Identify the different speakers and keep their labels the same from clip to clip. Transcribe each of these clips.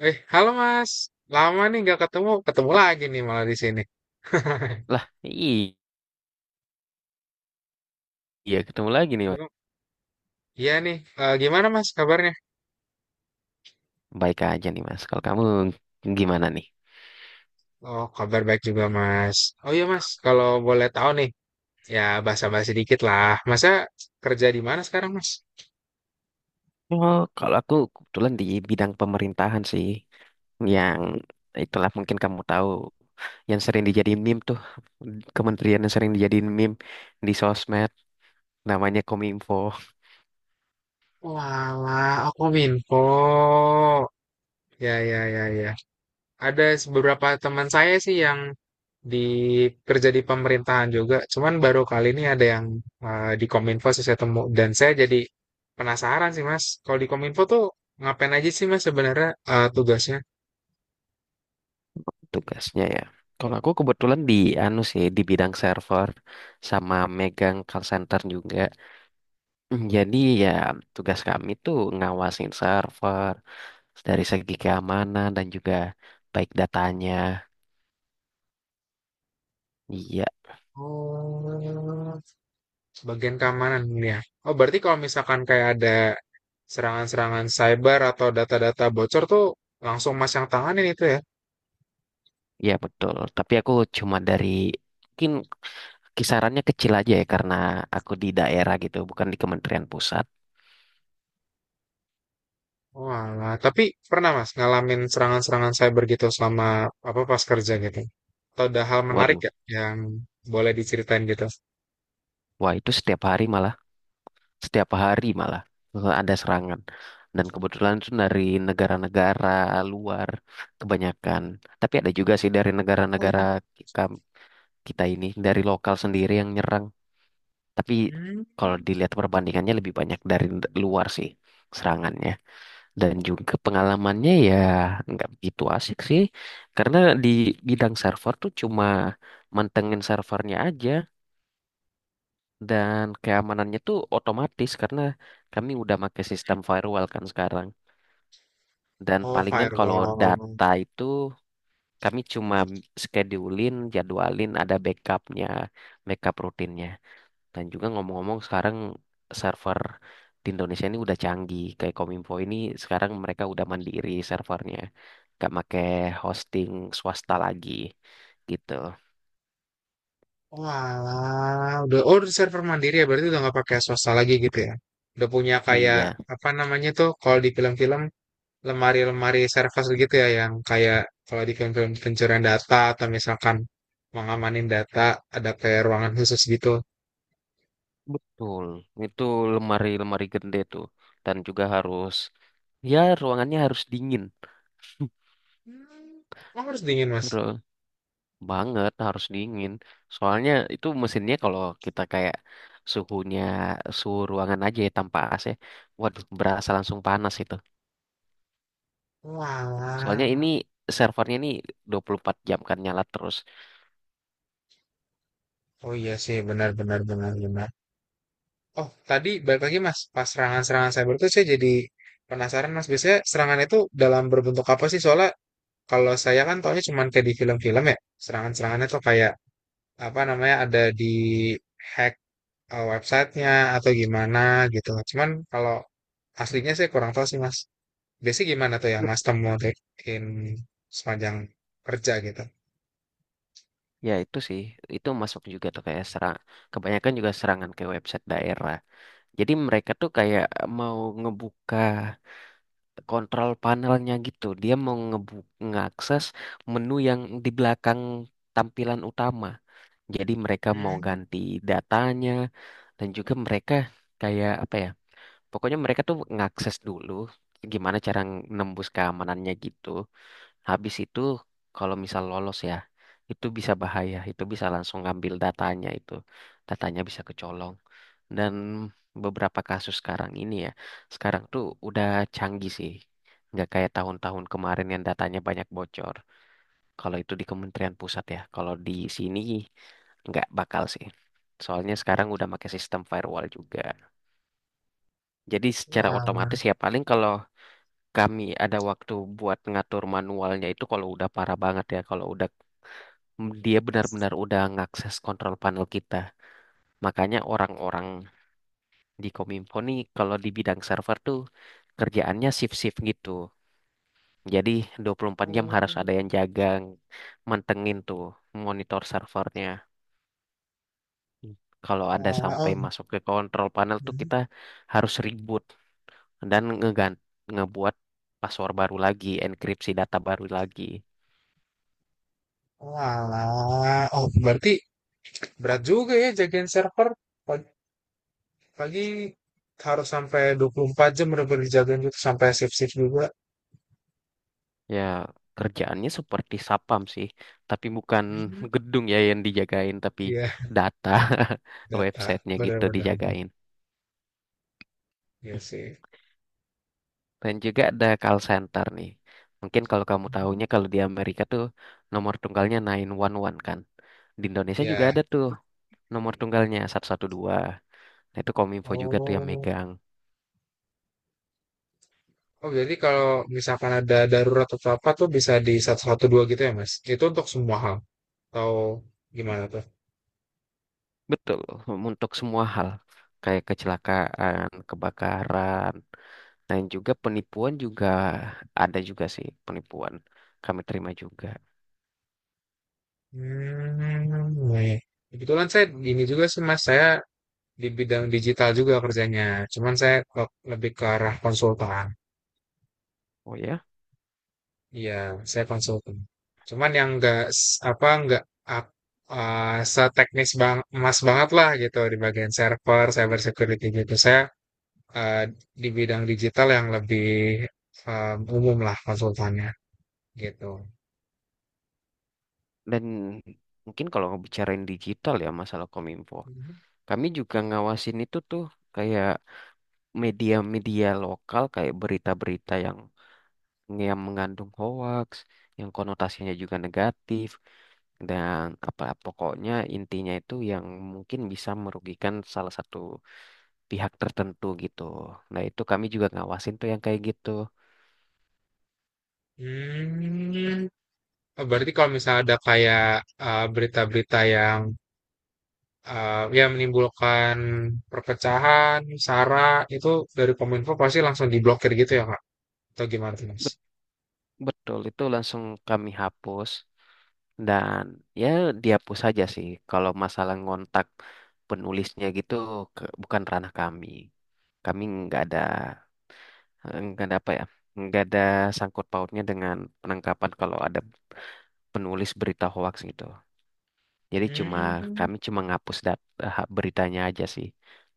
Speaker 1: Halo Mas. Lama nih nggak ketemu. Ketemu lagi nih malah di sini.
Speaker 2: Lah, iya ketemu lagi nih, Mas.
Speaker 1: Gim- Iya nih. Gimana Mas kabarnya?
Speaker 2: Baik aja nih, Mas. Kalau kamu gimana nih?
Speaker 1: Oh, kabar baik juga Mas. Oh iya Mas, kalau boleh tahu nih, ya basa-basi dikit lah. Masa kerja di mana sekarang Mas?
Speaker 2: Oh, kalau aku kebetulan di bidang pemerintahan sih, yang itulah mungkin kamu tahu, yang sering dijadiin meme tuh, kementerian yang sering dijadiin meme di sosmed, namanya Kominfo,
Speaker 1: Walah, aku minfo. Ya, ya, ya, ya. Ada beberapa teman saya sih yang di kerja di pemerintahan juga, cuman baru kali ini ada yang di Kominfo sih saya temu dan saya jadi penasaran sih Mas. Kalau di Kominfo tuh ngapain aja sih Mas sebenarnya tugasnya?
Speaker 2: tugasnya ya. Kalau aku kebetulan di anu sih, di bidang server sama megang call center juga. Jadi ya tugas kami tuh ngawasin server dari segi keamanan dan juga baik datanya. Iya,
Speaker 1: Oh, bagian keamanan ini ya. Oh, berarti kalau misalkan kayak ada serangan-serangan cyber atau data-data bocor tuh langsung Mas yang tanganin itu ya?
Speaker 2: iya betul. Tapi aku cuma dari mungkin kisarannya kecil aja ya karena aku di daerah gitu, bukan di Kementerian Pusat.
Speaker 1: Walah, tapi pernah Mas ngalamin serangan-serangan cyber gitu selama apa pas kerja gitu? Atau ada hal menarik
Speaker 2: Waduh,
Speaker 1: gak yang boleh diceritain gitu?
Speaker 2: wah itu setiap hari malah ada serangan. Dan kebetulan itu dari negara-negara luar kebanyakan. Tapi ada juga sih dari negara-negara kita ini dari lokal sendiri yang nyerang. Tapi
Speaker 1: Hmm.
Speaker 2: kalau dilihat perbandingannya lebih banyak dari luar sih serangannya dan juga pengalamannya ya nggak begitu asik sih karena di bidang server tuh cuma mantengin servernya aja dan keamanannya tuh otomatis karena kami udah pakai sistem firewall kan sekarang dan
Speaker 1: Oh,
Speaker 2: palingan kalau
Speaker 1: firewall.
Speaker 2: data itu kami cuma schedulein jadwalin ada backupnya backup rutinnya. Dan juga ngomong-ngomong sekarang server di Indonesia ini udah canggih. Kayak Kominfo ini sekarang mereka udah mandiri servernya. Gak make hosting swasta lagi gitu.
Speaker 1: Walah, udah oh udah server mandiri ya berarti udah nggak pakai swasta lagi gitu ya. Udah punya kayak
Speaker 2: Iya,
Speaker 1: apa namanya tuh kalau di film-film lemari-lemari service gitu ya yang kayak kalau di film-film pencurian data atau misalkan mengamanin data ada kayak ruangan khusus gitu.
Speaker 2: betul. Itu lemari-lemari gede tuh. Dan juga harus, ya ruangannya harus dingin.
Speaker 1: Hmm. Oh, harus dingin, Mas.
Speaker 2: Ru- Banget harus dingin. Soalnya itu mesinnya kalau kita kayak suhunya suhu ruangan aja ya tanpa AC, waduh berasa langsung panas itu. Soalnya ini
Speaker 1: Walah.
Speaker 2: servernya ini 24 jam kan nyala terus.
Speaker 1: Oh iya sih, benar benar benar benar. Oh, tadi balik lagi Mas, pas serangan-serangan cyber itu saya jadi penasaran Mas, biasanya serangan itu dalam berbentuk apa sih? Soalnya kalau saya kan taunya cuman kayak di film-film ya, serangan-serangannya tuh kayak apa namanya ada di hack websitenya atau gimana gitu. Cuman kalau aslinya saya kurang tahu sih Mas. Biasanya gimana tuh yang Mas temuin sepanjang kerja gitu?
Speaker 2: Ya itu sih, itu masuk juga tuh kayak serang. Kebanyakan juga serangan ke website daerah. Jadi mereka tuh kayak mau ngebuka kontrol panelnya gitu. Dia mau ngeakses menu yang di belakang tampilan utama. Jadi mereka mau
Speaker 1: Hmm,
Speaker 2: ganti datanya dan juga mereka kayak apa ya? Pokoknya mereka tuh ngakses dulu gimana cara nembus keamanannya gitu. Habis itu kalau misal lolos ya, itu bisa bahaya, itu bisa langsung ngambil datanya itu. Datanya bisa kecolong. Dan beberapa kasus sekarang ini ya, sekarang tuh udah canggih sih. Nggak kayak tahun-tahun kemarin yang datanya banyak bocor. Kalau itu di Kementerian Pusat ya, kalau di sini nggak bakal sih. Soalnya sekarang udah pakai sistem firewall juga. Jadi secara
Speaker 1: walah.
Speaker 2: otomatis ya paling kalau kami ada waktu buat ngatur manualnya itu kalau udah parah banget ya, kalau udah dia benar-benar udah ngakses kontrol panel kita. Makanya orang-orang di Kominfo nih kalau di bidang server tuh kerjaannya shift-shift gitu. Jadi 24 jam
Speaker 1: Oh,
Speaker 2: harus ada yang jaga, mantengin tuh monitor servernya. Kalau ada
Speaker 1: walah.
Speaker 2: sampai
Speaker 1: Oh,
Speaker 2: masuk ke kontrol panel tuh kita harus reboot dan ngebuat password baru lagi, enkripsi data baru lagi.
Speaker 1: Walah, oh berarti berat juga ya jagain server. Pag- Pagi, harus sampai 24 jam bener-bener dijagain gitu sampai shift-shift juga.
Speaker 2: Ya, kerjaannya seperti sapam sih, tapi bukan
Speaker 1: Hmm,
Speaker 2: gedung ya yang dijagain, tapi
Speaker 1: iya,
Speaker 2: data
Speaker 1: data
Speaker 2: websitenya gitu
Speaker 1: bener-bener.
Speaker 2: dijagain.
Speaker 1: Iya sih.
Speaker 2: Dan juga ada call center nih. Mungkin kalau kamu
Speaker 1: Mhm.
Speaker 2: tahunya kalau di Amerika tuh nomor tunggalnya 911 kan. Di Indonesia juga
Speaker 1: Iya.
Speaker 2: ada tuh nomor tunggalnya 112. Nah itu Kominfo juga tuh yang
Speaker 1: Oh.
Speaker 2: megang.
Speaker 1: Oh, jadi kalau misalkan ada darurat atau apa tuh bisa di 112 gitu ya, Mas? Itu untuk semua hal atau gimana tuh?
Speaker 2: Betul, untuk semua hal. Kayak kecelakaan, kebakaran, dan juga penipuan juga ada juga sih penipuan. Kami terima juga.
Speaker 1: Hmm, iya. Kebetulan saya gini juga sih, Mas. Saya di bidang digital juga kerjanya. Cuman saya kok lebih ke arah konsultan.
Speaker 2: Oh ya.
Speaker 1: Iya, saya konsultan. Cuman yang enggak apa nggak enggak seteknis bang emas banget lah gitu di bagian server, cyber security gitu. Saya eh, di bidang digital yang lebih umum lah konsultannya gitu.
Speaker 2: Dan mungkin kalau ngebicarain digital ya masalah Kominfo. Kami juga ngawasin itu tuh kayak media-media lokal kayak berita-berita yang mengandung hoax, yang konotasinya juga negatif dan apa pokoknya intinya itu yang mungkin bisa merugikan salah satu pihak tertentu gitu. Nah, itu kami juga ngawasin tuh yang kayak gitu.
Speaker 1: Hmm, oh, berarti kalau misalnya ada kayak berita-berita yang ya menimbulkan perpecahan, sara itu dari Kominfo pasti langsung diblokir gitu ya Kak? Atau gimana tuh Mas?
Speaker 2: Betul, itu langsung kami hapus dan ya dihapus saja sih. Kalau masalah ngontak penulisnya gitu bukan ranah kami. Kami nggak ada nggak ada apa ya, nggak ada sangkut pautnya dengan penangkapan kalau ada penulis berita hoax gitu. Jadi cuma
Speaker 1: Hmm,
Speaker 2: kami cuma ngapus beritanya aja sih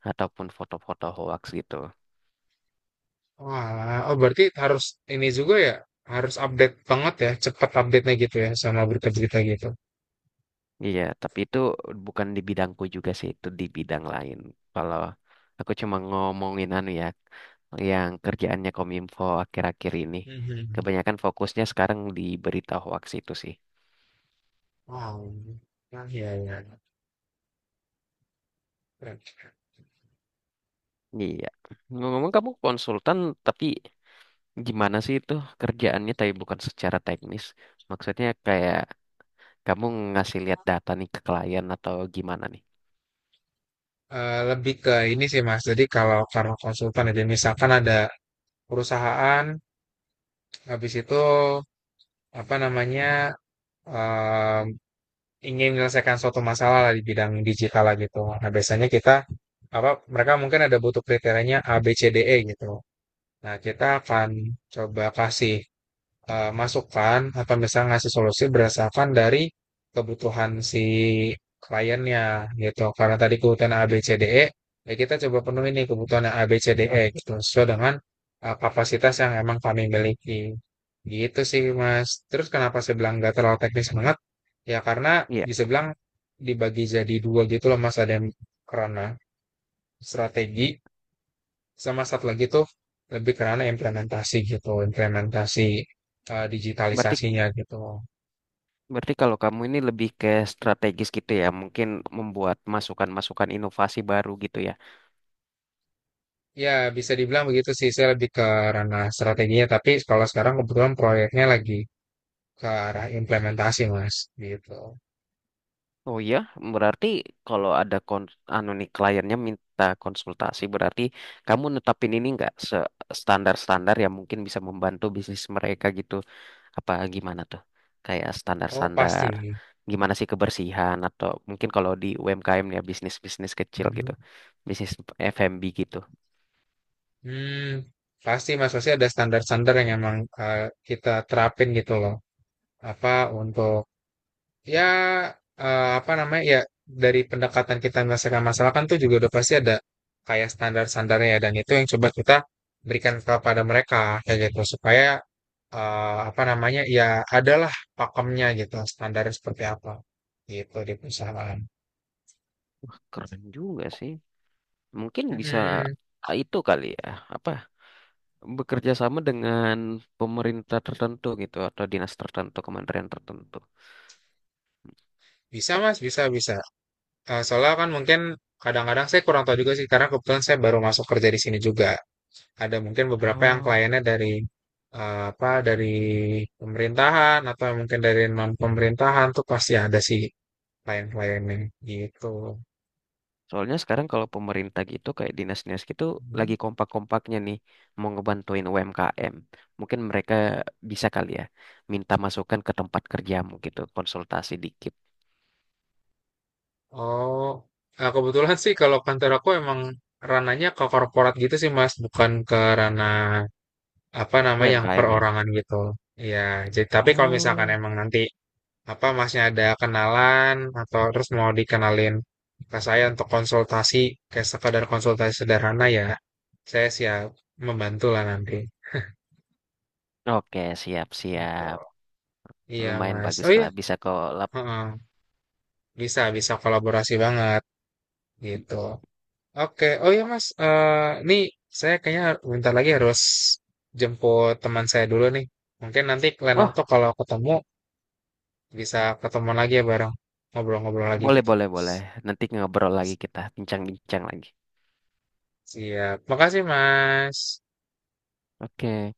Speaker 2: ataupun foto-foto hoax gitu.
Speaker 1: walah. Oh berarti harus ini juga ya, harus update banget ya, cepat update-nya gitu ya sama berita-berita gitu.
Speaker 2: Iya, tapi itu bukan di bidangku juga sih, itu di bidang lain. Kalau aku cuma ngomongin anu ya, yang kerjaannya Kominfo akhir-akhir ini.
Speaker 1: Mhm.
Speaker 2: Kebanyakan fokusnya sekarang di berita hoax itu sih.
Speaker 1: Wow. Nah, ya, ya. Keren.
Speaker 2: Iya. Ngomong-ngomong kamu konsultan, tapi gimana sih itu kerjaannya tapi bukan secara teknis? Maksudnya kayak kamu ngasih lihat data nih ke klien atau gimana nih?
Speaker 1: Lebih ke ini sih Mas. Jadi kalau karena konsultan aja misalkan ada perusahaan habis itu apa namanya eh, ingin menyelesaikan suatu masalah lah di bidang digital lah gitu. Nah, biasanya kita apa mereka mungkin ada butuh kriterianya A, B, C, D, E gitu. Nah, kita akan coba kasih masukan atau misalnya ngasih solusi berdasarkan dari kebutuhan si kliennya gitu. Karena tadi kebutuhan A, B, C, D, E, ya kita coba penuhi nih kebutuhan A, B, C, D, E gitu sesuai dengan kapasitas yang emang kami miliki. Gitu sih, Mas. Terus kenapa saya bilang nggak terlalu teknis banget? Ya karena
Speaker 2: Iya.
Speaker 1: bisa bilang dibagi jadi dua gitu loh Mas, ada yang kerana strategi sama satu lagi tuh lebih kerana implementasi gitu, implementasi
Speaker 2: Berarti
Speaker 1: digitalisasinya gitu.
Speaker 2: Berarti kalau kamu ini lebih ke strategis gitu ya, mungkin membuat masukan-masukan inovasi baru gitu ya.
Speaker 1: Ya bisa dibilang begitu sih, saya lebih ke ranah strateginya, tapi kalau sekarang kebetulan proyeknya lagi ke arah implementasi Mas, gitu.
Speaker 2: Oh iya, berarti kalau ada anu nih kliennya minta konsultasi, berarti kamu netapin ini nggak standar-standar yang mungkin bisa membantu bisnis mereka gitu. Apa gimana tuh? Kayak
Speaker 1: Oh pasti.
Speaker 2: standar-standar gimana sih kebersihan atau mungkin kalau di UMKM ya bisnis-bisnis kecil gitu.
Speaker 1: Mhm.
Speaker 2: Bisnis F&B gitu.
Speaker 1: Hmm, pasti Mas, pasti ada standar-standar yang emang kita terapin gitu loh. Apa untuk ya eh, apa namanya ya dari pendekatan kita menyelesaikan masalah kan tuh juga udah pasti ada kayak standar-standarnya ya, dan itu yang coba kita berikan kepada mereka kayak gitu supaya eh, apa namanya ya adalah pakemnya gitu standarnya seperti apa gitu di perusahaan.
Speaker 2: Wah, keren juga sih. Mungkin bisa
Speaker 1: Mm-mm.
Speaker 2: itu kali ya, apa bekerja sama dengan pemerintah tertentu gitu atau dinas tertentu, kementerian tertentu.
Speaker 1: Bisa mas, bisa bisa. Eh, soalnya kan mungkin kadang-kadang saya kurang tahu juga sih karena kebetulan saya baru masuk kerja di sini juga. Ada mungkin beberapa yang
Speaker 2: Oh.
Speaker 1: kliennya dari eh, apa dari pemerintahan atau mungkin dari non pemerintahan tuh pasti ada sih klien-kliennya gitu.
Speaker 2: Soalnya sekarang kalau pemerintah gitu kayak dinas-dinas gitu
Speaker 1: Hmm.
Speaker 2: lagi kompak-kompaknya nih mau ngebantuin UMKM. Mungkin mereka bisa kali ya minta masukan ke tempat kerjamu gitu, konsultasi dikit.
Speaker 1: Oh, nah, kebetulan sih kalau kantor aku emang rananya ke korporat gitu sih Mas, bukan ke ranah apa namanya yang
Speaker 2: UMKM ya.
Speaker 1: perorangan gitu. Iya, jadi tapi kalau misalkan
Speaker 2: Oh.
Speaker 1: emang nanti apa masnya ada kenalan atau terus mau dikenalin ke saya untuk konsultasi kayak sekadar konsultasi sederhana ya saya siap membantu lah nanti
Speaker 2: Oke,
Speaker 1: gitu.
Speaker 2: siap-siap.
Speaker 1: Iya
Speaker 2: Lumayan
Speaker 1: mas,
Speaker 2: bagus
Speaker 1: oh iya,
Speaker 2: lah bisa kok lap.
Speaker 1: heeh. Bisa bisa kolaborasi banget gitu. Oke, oh iya mas. Nih saya kayaknya bentar lagi harus jemput teman saya dulu nih, mungkin nanti lain waktu
Speaker 2: Wah,
Speaker 1: kalau ketemu bisa ketemu lagi ya bareng ngobrol-ngobrol lagi
Speaker 2: Boleh,
Speaker 1: gitu.
Speaker 2: boleh, boleh. Nanti ngobrol lagi kita, bincang-bincang lagi.
Speaker 1: Siap, makasih mas.
Speaker 2: Oke.